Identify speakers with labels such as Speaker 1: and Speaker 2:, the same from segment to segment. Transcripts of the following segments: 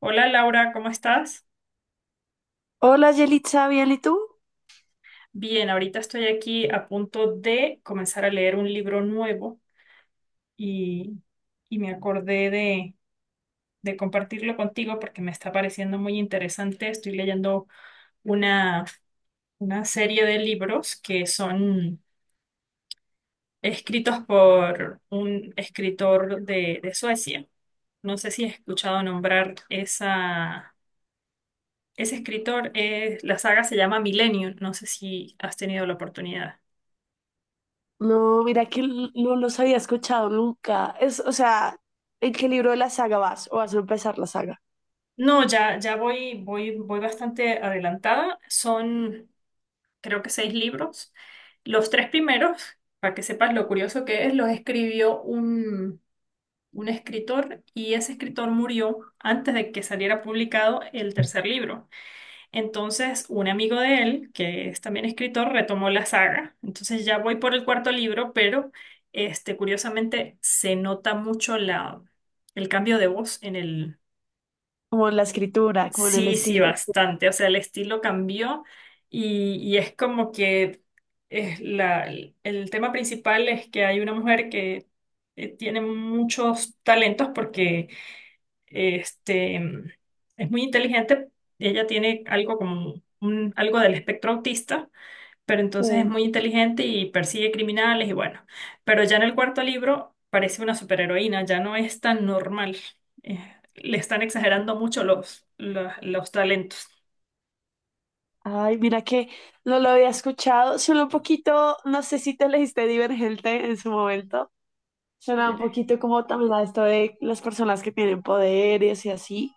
Speaker 1: Hola, Laura, ¿cómo estás?
Speaker 2: Hola, Yelitza, ¿bien y tú?
Speaker 1: Bien, ahorita estoy aquí a punto de comenzar a leer un libro nuevo y, y me acordé de compartirlo contigo porque me está pareciendo muy interesante. Estoy leyendo una, una serie de libros que son escritos por un escritor de Suecia. No sé si has escuchado nombrar ese escritor. La saga se llama Millennium. No sé si has tenido la oportunidad.
Speaker 2: No, mira que no los había escuchado nunca. Es, o sea, ¿en qué libro de la saga vas? ¿O vas a empezar la saga?
Speaker 1: No, ya voy, bastante adelantada. Son, creo que seis libros. Los tres primeros, para que sepas lo curioso que es, los escribió un escritor y ese escritor murió antes de que saliera publicado el tercer libro. Entonces, un amigo de él, que es también escritor, retomó la saga. Entonces, ya voy por el cuarto libro, pero curiosamente se nota mucho la, el cambio de voz en el.
Speaker 2: Como en la escritura, como en el
Speaker 1: Sí, sí,
Speaker 2: estilo.
Speaker 1: bastante. O sea, el estilo cambió y es como que es el tema principal es que hay una mujer que tiene muchos talentos porque este, es muy inteligente. Ella tiene algo como algo del espectro autista pero entonces es
Speaker 2: Sí.
Speaker 1: muy inteligente y persigue criminales y bueno. Pero ya en el cuarto libro parece una superheroína, ya no es tan normal. Eh, Le están exagerando mucho los talentos.
Speaker 2: Ay, mira que no lo había escuchado. Suena un poquito, no sé si te leíste Divergente en su momento. Suena un poquito como también a esto de las personas que tienen poderes y así.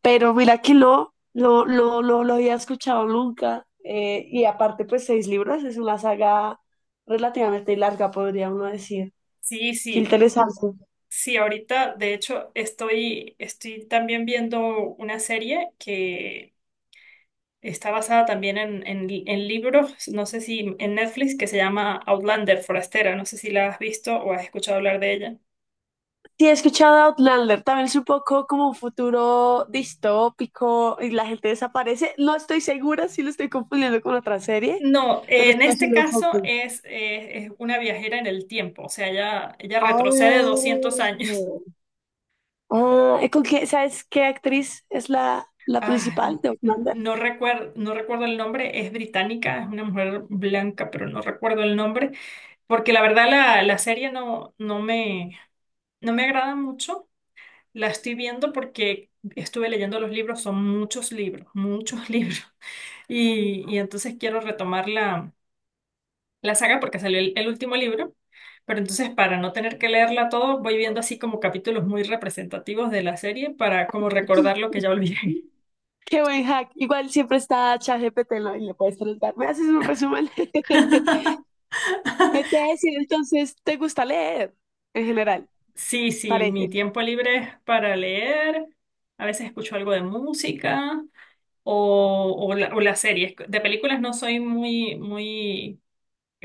Speaker 2: Pero mira que no lo había escuchado nunca. Y aparte, pues seis libros es una saga relativamente larga, podría uno decir.
Speaker 1: Sí,
Speaker 2: Qué
Speaker 1: sí,
Speaker 2: interesante.
Speaker 1: sí, ahorita de hecho estoy también viendo una serie que está basada también en libros, no sé si en Netflix, que se llama Outlander, Forastera, no sé si la has visto o has escuchado hablar de ella.
Speaker 2: Sí, he escuchado Outlander, también es un poco como un futuro distópico y la gente desaparece. No estoy segura si lo estoy confundiendo con otra serie,
Speaker 1: No,
Speaker 2: pero
Speaker 1: en
Speaker 2: estoy
Speaker 1: este
Speaker 2: haciendo un
Speaker 1: caso
Speaker 2: poco.
Speaker 1: es una viajera en el tiempo, o sea, ella retrocede 200
Speaker 2: Ah,
Speaker 1: años.
Speaker 2: ah, ¿con qué, sabes qué actriz es la
Speaker 1: Ah,
Speaker 2: principal de
Speaker 1: n-
Speaker 2: Outlander?
Speaker 1: no recuerdo, no recuerdo el nombre, es británica, es una mujer blanca, pero no recuerdo el nombre, porque la verdad la serie no, no me agrada mucho. La estoy viendo porque estuve leyendo los libros, son muchos libros, muchos libros, y entonces quiero retomarla la saga porque salió el último libro, pero entonces para no tener que leerla todo, voy viendo así como capítulos muy representativos de la serie para como recordar lo que ya olvidé.
Speaker 2: Qué buen hack. Igual siempre está ChatGPT, ¿no? Y le puedes preguntar. ¿Me haces un resumen? Te voy a decir, entonces, ¿te gusta leer en general?
Speaker 1: Sí, sí,
Speaker 2: Parece.
Speaker 1: mi tiempo libre es para leer, a veces escucho algo de música o las series. De películas no soy muy, muy.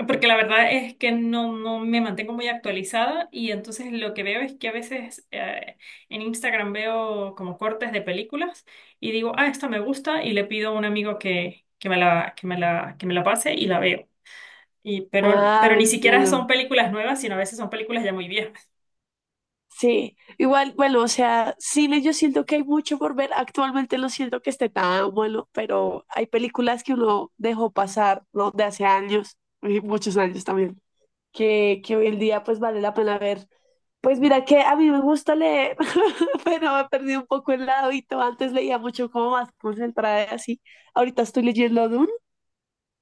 Speaker 1: Porque la verdad es que no me mantengo muy actualizada y entonces lo que veo es que a veces en Instagram veo como cortes de películas y digo, ah, esta me gusta y le pido a un amigo que me la pase y la veo. Y, pero,
Speaker 2: Ah,
Speaker 1: pero ni siquiera
Speaker 2: entiendo.
Speaker 1: son películas nuevas, sino a veces son películas ya muy viejas.
Speaker 2: Sí, igual, bueno, o sea, cine yo siento que hay mucho por ver. Actualmente no siento que esté tan bueno, pero hay películas que uno dejó pasar, ¿no? De hace años, y muchos años también, que hoy en día pues vale la pena ver. Pues mira que a mí me gusta leer, pero me perdí un poco el hábito. Antes leía mucho como más concentrada y así. Ahorita estoy leyendo Dune,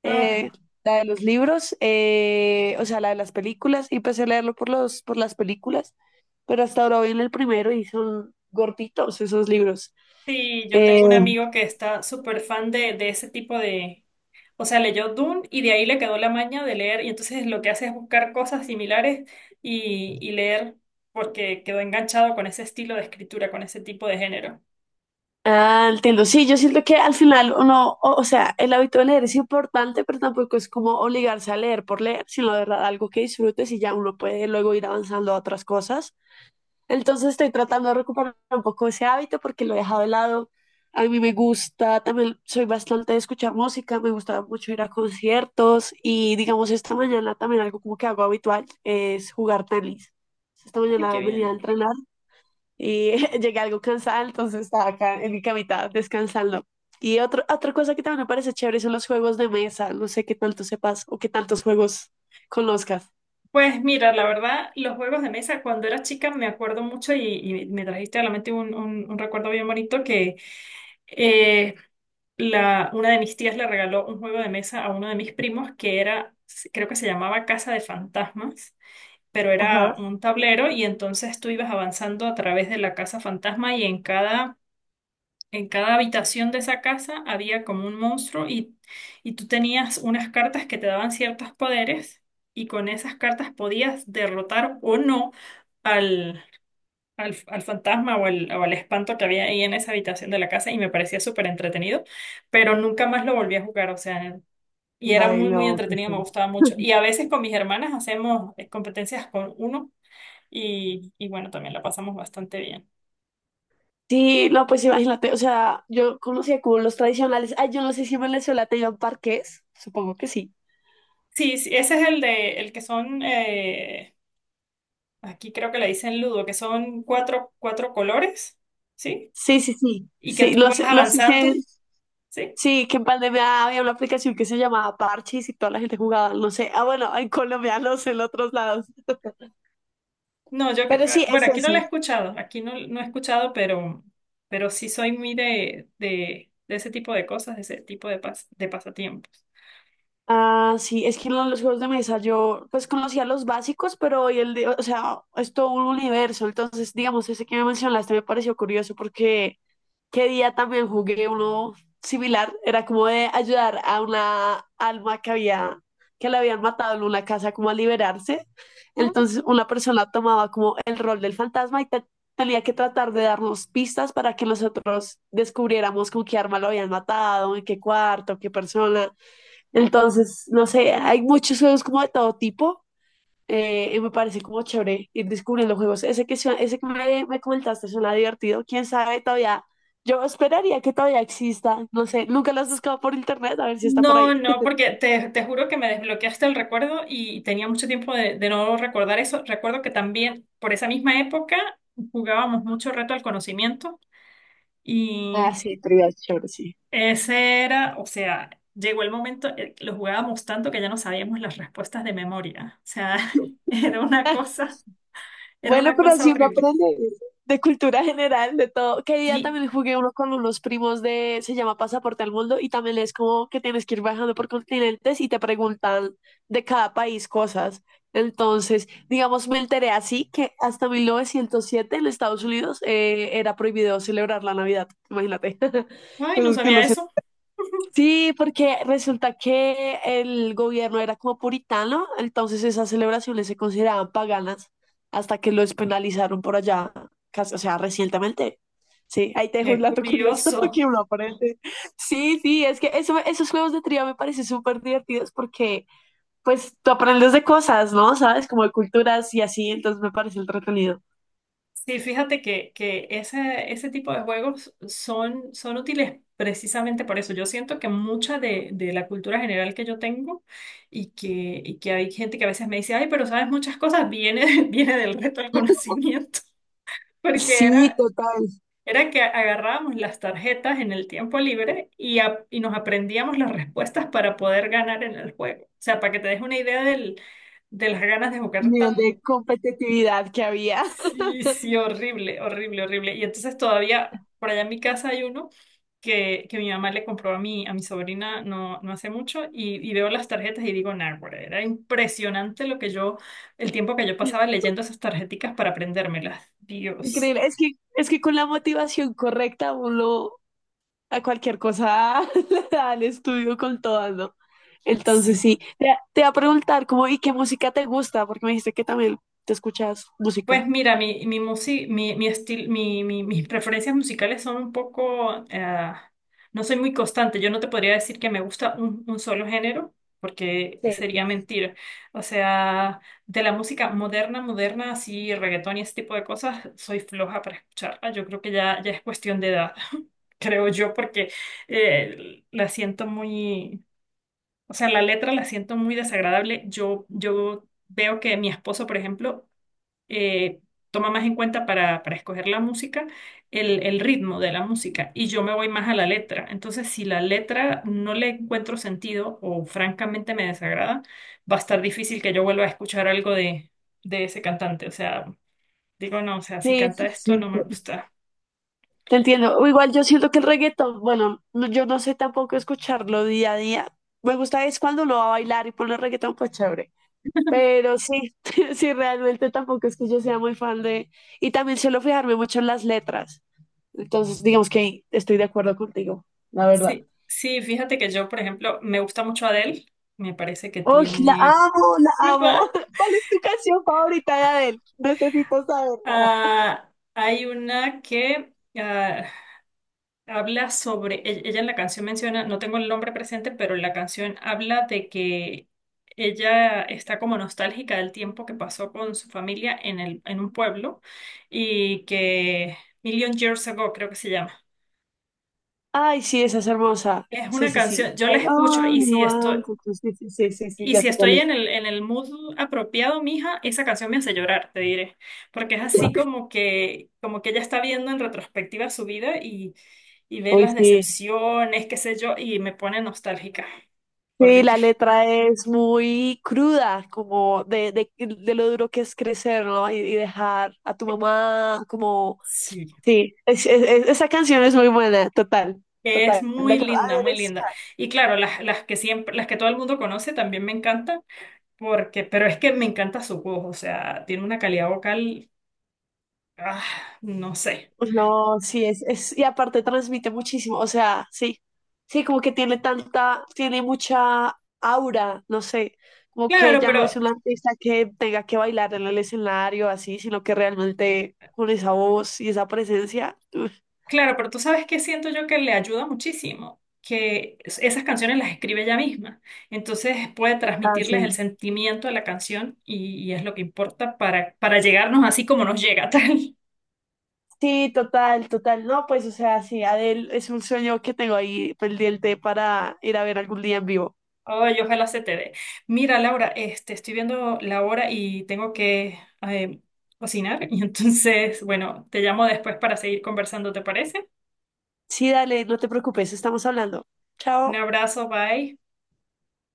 Speaker 2: eh,
Speaker 1: Ah.
Speaker 2: la de los libros, o sea, la de las películas, y empecé a leerlo por por las películas, pero hasta ahora voy en el primero y son gorditos esos libros.
Speaker 1: Sí, yo
Speaker 2: Eh,
Speaker 1: tengo un amigo que está súper fan de ese tipo de. O sea, leyó Dune y de ahí le quedó la maña de leer y entonces lo que hace es buscar cosas similares y leer porque quedó enganchado con ese estilo de escritura, con ese tipo de género.
Speaker 2: Ah, entiendo. Sí, yo siento que al final o sea, el hábito de leer es importante, pero tampoco es como obligarse a leer por leer, sino de verdad algo que disfrutes y ya uno puede luego ir avanzando a otras cosas. Entonces estoy tratando de recuperar un poco ese hábito porque lo he dejado de lado. A mí me gusta, también soy bastante de escuchar música, me gusta mucho ir a conciertos y digamos esta mañana también algo como que hago habitual es jugar tenis. Esta
Speaker 1: Ay, qué
Speaker 2: mañana venía a
Speaker 1: bien.
Speaker 2: entrenar y llegué algo cansada, entonces estaba acá en mi camita descansando. Otra cosa que también me parece chévere son los juegos de mesa. No sé qué tanto sepas o qué tantos juegos conozcas.
Speaker 1: Pues mira, la verdad, los juegos de mesa cuando era chica me acuerdo mucho y me trajiste a la mente un, un recuerdo bien bonito que eh, una de mis tías le regaló un juego de mesa a uno de mis primos que era, creo que se llamaba Casa de Fantasmas, pero
Speaker 2: Ajá.
Speaker 1: era un tablero y entonces tú ibas avanzando a través de la casa fantasma y en cada, habitación de esa casa había como un monstruo y tú tenías unas cartas que te daban ciertos poderes y con esas cartas podías derrotar o no al fantasma o al espanto que había ahí en esa habitación de la casa y me parecía súper entretenido, pero nunca más lo volví a jugar, o sea, y era
Speaker 2: Ay,
Speaker 1: muy, muy
Speaker 2: no, qué
Speaker 1: entretenido, me
Speaker 2: sad.
Speaker 1: gustaba mucho. Y a veces con mis hermanas hacemos competencias con uno y bueno, también la pasamos bastante bien.
Speaker 2: Sí, no, pues imagínate, o sea, yo conocía como los tradicionales. Ay, yo no sé si en Venezuela tengan parques, supongo que sí.
Speaker 1: Sí, sí, ese es el que son, aquí creo que le dicen ludo, que son cuatro colores, ¿sí?
Speaker 2: Sí, sí, sí.
Speaker 1: Y que
Speaker 2: Sí,
Speaker 1: tú vas
Speaker 2: no sé si,
Speaker 1: avanzando, ¿sí?
Speaker 2: sí, que en pandemia había una aplicación que se llamaba Parchis y toda la gente jugaba, no sé. Ah, bueno, en Colombia, no sé, en otros lados.
Speaker 1: No,
Speaker 2: Pero sí,
Speaker 1: ah, bueno,
Speaker 2: es
Speaker 1: aquí no
Speaker 2: ese.
Speaker 1: la he escuchado, aquí no he escuchado, pero sí soy muy de ese tipo de cosas, de ese tipo de pasatiempos.
Speaker 2: Ah, sí, es que los juegos de mesa yo pues conocía los básicos, pero hoy o sea, es todo un universo. Entonces, digamos, ese que me mencionaste me pareció curioso porque qué día también jugué uno similar, era como de ayudar a una alma que había, que la habían matado en una casa como a liberarse.
Speaker 1: Ah.
Speaker 2: Entonces, una persona tomaba como el rol del fantasma y tenía que tratar de darnos pistas para que nosotros descubriéramos con qué arma lo habían matado, en qué cuarto, qué persona. Entonces, no sé, hay muchos juegos como de todo tipo. Y me parece como chévere ir descubriendo juegos. Ese que me comentaste suena divertido. Quién sabe todavía. Yo esperaría que todavía exista. No sé, nunca lo has buscado por internet a ver si está por ahí.
Speaker 1: No, no, porque te juro que me desbloqueaste el recuerdo y tenía mucho tiempo de no recordar eso. Recuerdo que también por esa misma época jugábamos mucho reto al conocimiento
Speaker 2: Ah,
Speaker 1: y.
Speaker 2: sí, trivia, chévere, sí.
Speaker 1: Ese era, o sea, llegó el momento, lo jugábamos tanto que ya no sabíamos las respuestas de memoria. O sea, era una cosa, era
Speaker 2: Bueno,
Speaker 1: una
Speaker 2: pero
Speaker 1: cosa
Speaker 2: así uno
Speaker 1: horrible.
Speaker 2: aprende de cultura general, de todo. Que día
Speaker 1: Sí,
Speaker 2: también jugué uno con unos primos se llama Pasaporte al Mundo, y también es como que tienes que ir viajando por continentes y te preguntan de cada país cosas. Entonces, digamos, me enteré así que hasta 1907 en Estados Unidos era prohibido celebrar la Navidad. Imagínate,
Speaker 1: ay, no
Speaker 2: cosas que
Speaker 1: sabía
Speaker 2: uno se.
Speaker 1: eso.
Speaker 2: Sí, porque resulta que el gobierno era como puritano, entonces esas celebraciones se consideraban paganas hasta que lo despenalizaron por allá, casi- o sea, recientemente. Sí, ahí te dejo un
Speaker 1: Qué
Speaker 2: dato curioso
Speaker 1: curioso.
Speaker 2: que uno aprende. Sí, sí, es que eso, esos juegos de trivia me parecen súper divertidos porque pues tú aprendes de cosas, ¿no? ¿Sabes? Como de culturas y así, entonces me parece entretenido.
Speaker 1: Sí, fíjate que ese tipo de juegos son útiles precisamente por eso. Yo siento que mucha de la cultura general que yo tengo y que, y que hay gente que a veces me dice, ay, pero sabes muchas cosas, viene, viene del reto del conocimiento. Porque
Speaker 2: Sí,
Speaker 1: era,
Speaker 2: total,
Speaker 1: Era que agarrábamos las tarjetas en el tiempo libre y nos aprendíamos las respuestas para poder ganar en el juego. O sea, para que te des una idea de las ganas de
Speaker 2: el
Speaker 1: jugar
Speaker 2: nivel
Speaker 1: tan.
Speaker 2: de competitividad que había.
Speaker 1: Sí, sí, horrible, horrible, horrible. Y entonces todavía, por allá en mi casa hay uno que mi mamá le compró a mi, sobrina no hace mucho y veo las tarjetas y digo, nah, güey, era impresionante el tiempo que yo pasaba leyendo esas tarjeticas para aprendérmelas. Dios.
Speaker 2: Increíble. Es que con la motivación correcta uno a cualquier cosa le da el estudio con todas, ¿no? Entonces
Speaker 1: Sí.
Speaker 2: sí, te, te iba a preguntar como, ¿y qué música te gusta? Porque me dijiste que también te escuchas música.
Speaker 1: Pues mira, mi, musi- mi estil- mis preferencias musicales son un poco, no soy muy constante. Yo no te podría decir que me gusta un solo género, porque sería
Speaker 2: Sí.
Speaker 1: mentira. O sea, de la música moderna, moderna, así, reggaetón y ese tipo de cosas, soy floja para escucharla. Yo creo que ya es cuestión de edad, creo yo, porque la siento muy, o sea, la letra la siento muy desagradable. Yo veo que mi esposo, por ejemplo, eh, toma más en cuenta para escoger la música el ritmo de la música y yo me voy más a la letra. Entonces, si la letra no le encuentro sentido o francamente me desagrada, va a estar difícil que yo vuelva a escuchar algo de ese cantante. O sea, digo, no, o sea, si
Speaker 2: Sí,
Speaker 1: canta
Speaker 2: sí,
Speaker 1: esto
Speaker 2: sí,
Speaker 1: no
Speaker 2: te
Speaker 1: me gusta.
Speaker 2: te entiendo. O Igual yo siento que el reggaetón, bueno, yo no sé tampoco escucharlo día a día. Me gusta es cuando uno va a bailar y pone reggaetón, pues chévere. Pero sí, sí, realmente tampoco es que yo sea muy fan de... Y también suelo fijarme mucho en las letras. Entonces, digamos que estoy de acuerdo contigo, la verdad.
Speaker 1: Sí, sí, fíjate que yo, por ejemplo, me gusta mucho Adele. Me parece que
Speaker 2: ¡Oh, la
Speaker 1: tiene.
Speaker 2: amo, la amo!
Speaker 1: ¿Verdad?
Speaker 2: ¿Cuál es tu canción favorita de Adele? Necesito saberla.
Speaker 1: Ah, hay una que. Habla sobre ella en la canción menciona, no tengo el nombre presente, pero la canción habla de que ella está como nostálgica del tiempo que pasó con su familia en un pueblo y que Million Years Ago creo que se llama.
Speaker 2: Ay, sí, esa es hermosa.
Speaker 1: Es
Speaker 2: Sí,
Speaker 1: una
Speaker 2: sí, sí.
Speaker 1: canción, yo la
Speaker 2: I
Speaker 1: escucho y
Speaker 2: only
Speaker 1: si estoy,
Speaker 2: Sí, sí, sí, sí, sí,
Speaker 1: Y
Speaker 2: ya
Speaker 1: si
Speaker 2: sé cuál
Speaker 1: estoy
Speaker 2: es.
Speaker 1: en el mood apropiado, mija, esa canción me hace llorar, te diré. Porque es así como que ella está viendo en retrospectiva su vida y ve
Speaker 2: Hoy
Speaker 1: las
Speaker 2: sí.
Speaker 1: decepciones, qué sé yo, y me pone nostálgica.
Speaker 2: Sí,
Speaker 1: Horrible.
Speaker 2: la letra es muy cruda, como de lo duro que es crecer, ¿no? Y dejar a tu mamá, como...
Speaker 1: Sí.
Speaker 2: Sí, esa canción es muy buena, total,
Speaker 1: Es
Speaker 2: total. De
Speaker 1: muy
Speaker 2: acuerdo.
Speaker 1: linda, muy
Speaker 2: Adele.
Speaker 1: linda. Y claro, las que siempre, las que todo el mundo conoce también me encantan, pero es que me encanta su voz, o sea, tiene una calidad vocal, ah, no sé.
Speaker 2: Pues No, sí, es, y aparte transmite muchísimo, o sea, sí, sí, como que tiene tanta, tiene mucha aura, no sé, como que
Speaker 1: Claro,
Speaker 2: ya no es
Speaker 1: pero
Speaker 2: una artista que tenga que bailar en el escenario así, sino que realmente con esa voz y esa presencia. Uf.
Speaker 1: Claro, pero tú sabes que siento yo que le ayuda muchísimo, que esas canciones las escribe ella misma. Entonces puede
Speaker 2: Ah,
Speaker 1: transmitirles el
Speaker 2: sí.
Speaker 1: sentimiento de la canción y es lo que importa para, llegarnos así como nos llega tal.
Speaker 2: Sí, total, total, no, Pues, o sea, sí, Adele es un sueño que tengo ahí pendiente para ir a ver algún día en vivo.
Speaker 1: Ay, ojalá se te dé. Mira, Laura, estoy viendo la hora y tengo que eh, cocinar. Y entonces, bueno, te llamo después para seguir conversando, ¿te parece?
Speaker 2: Sí, dale, no te preocupes, estamos hablando.
Speaker 1: Un
Speaker 2: Chao.
Speaker 1: abrazo, bye.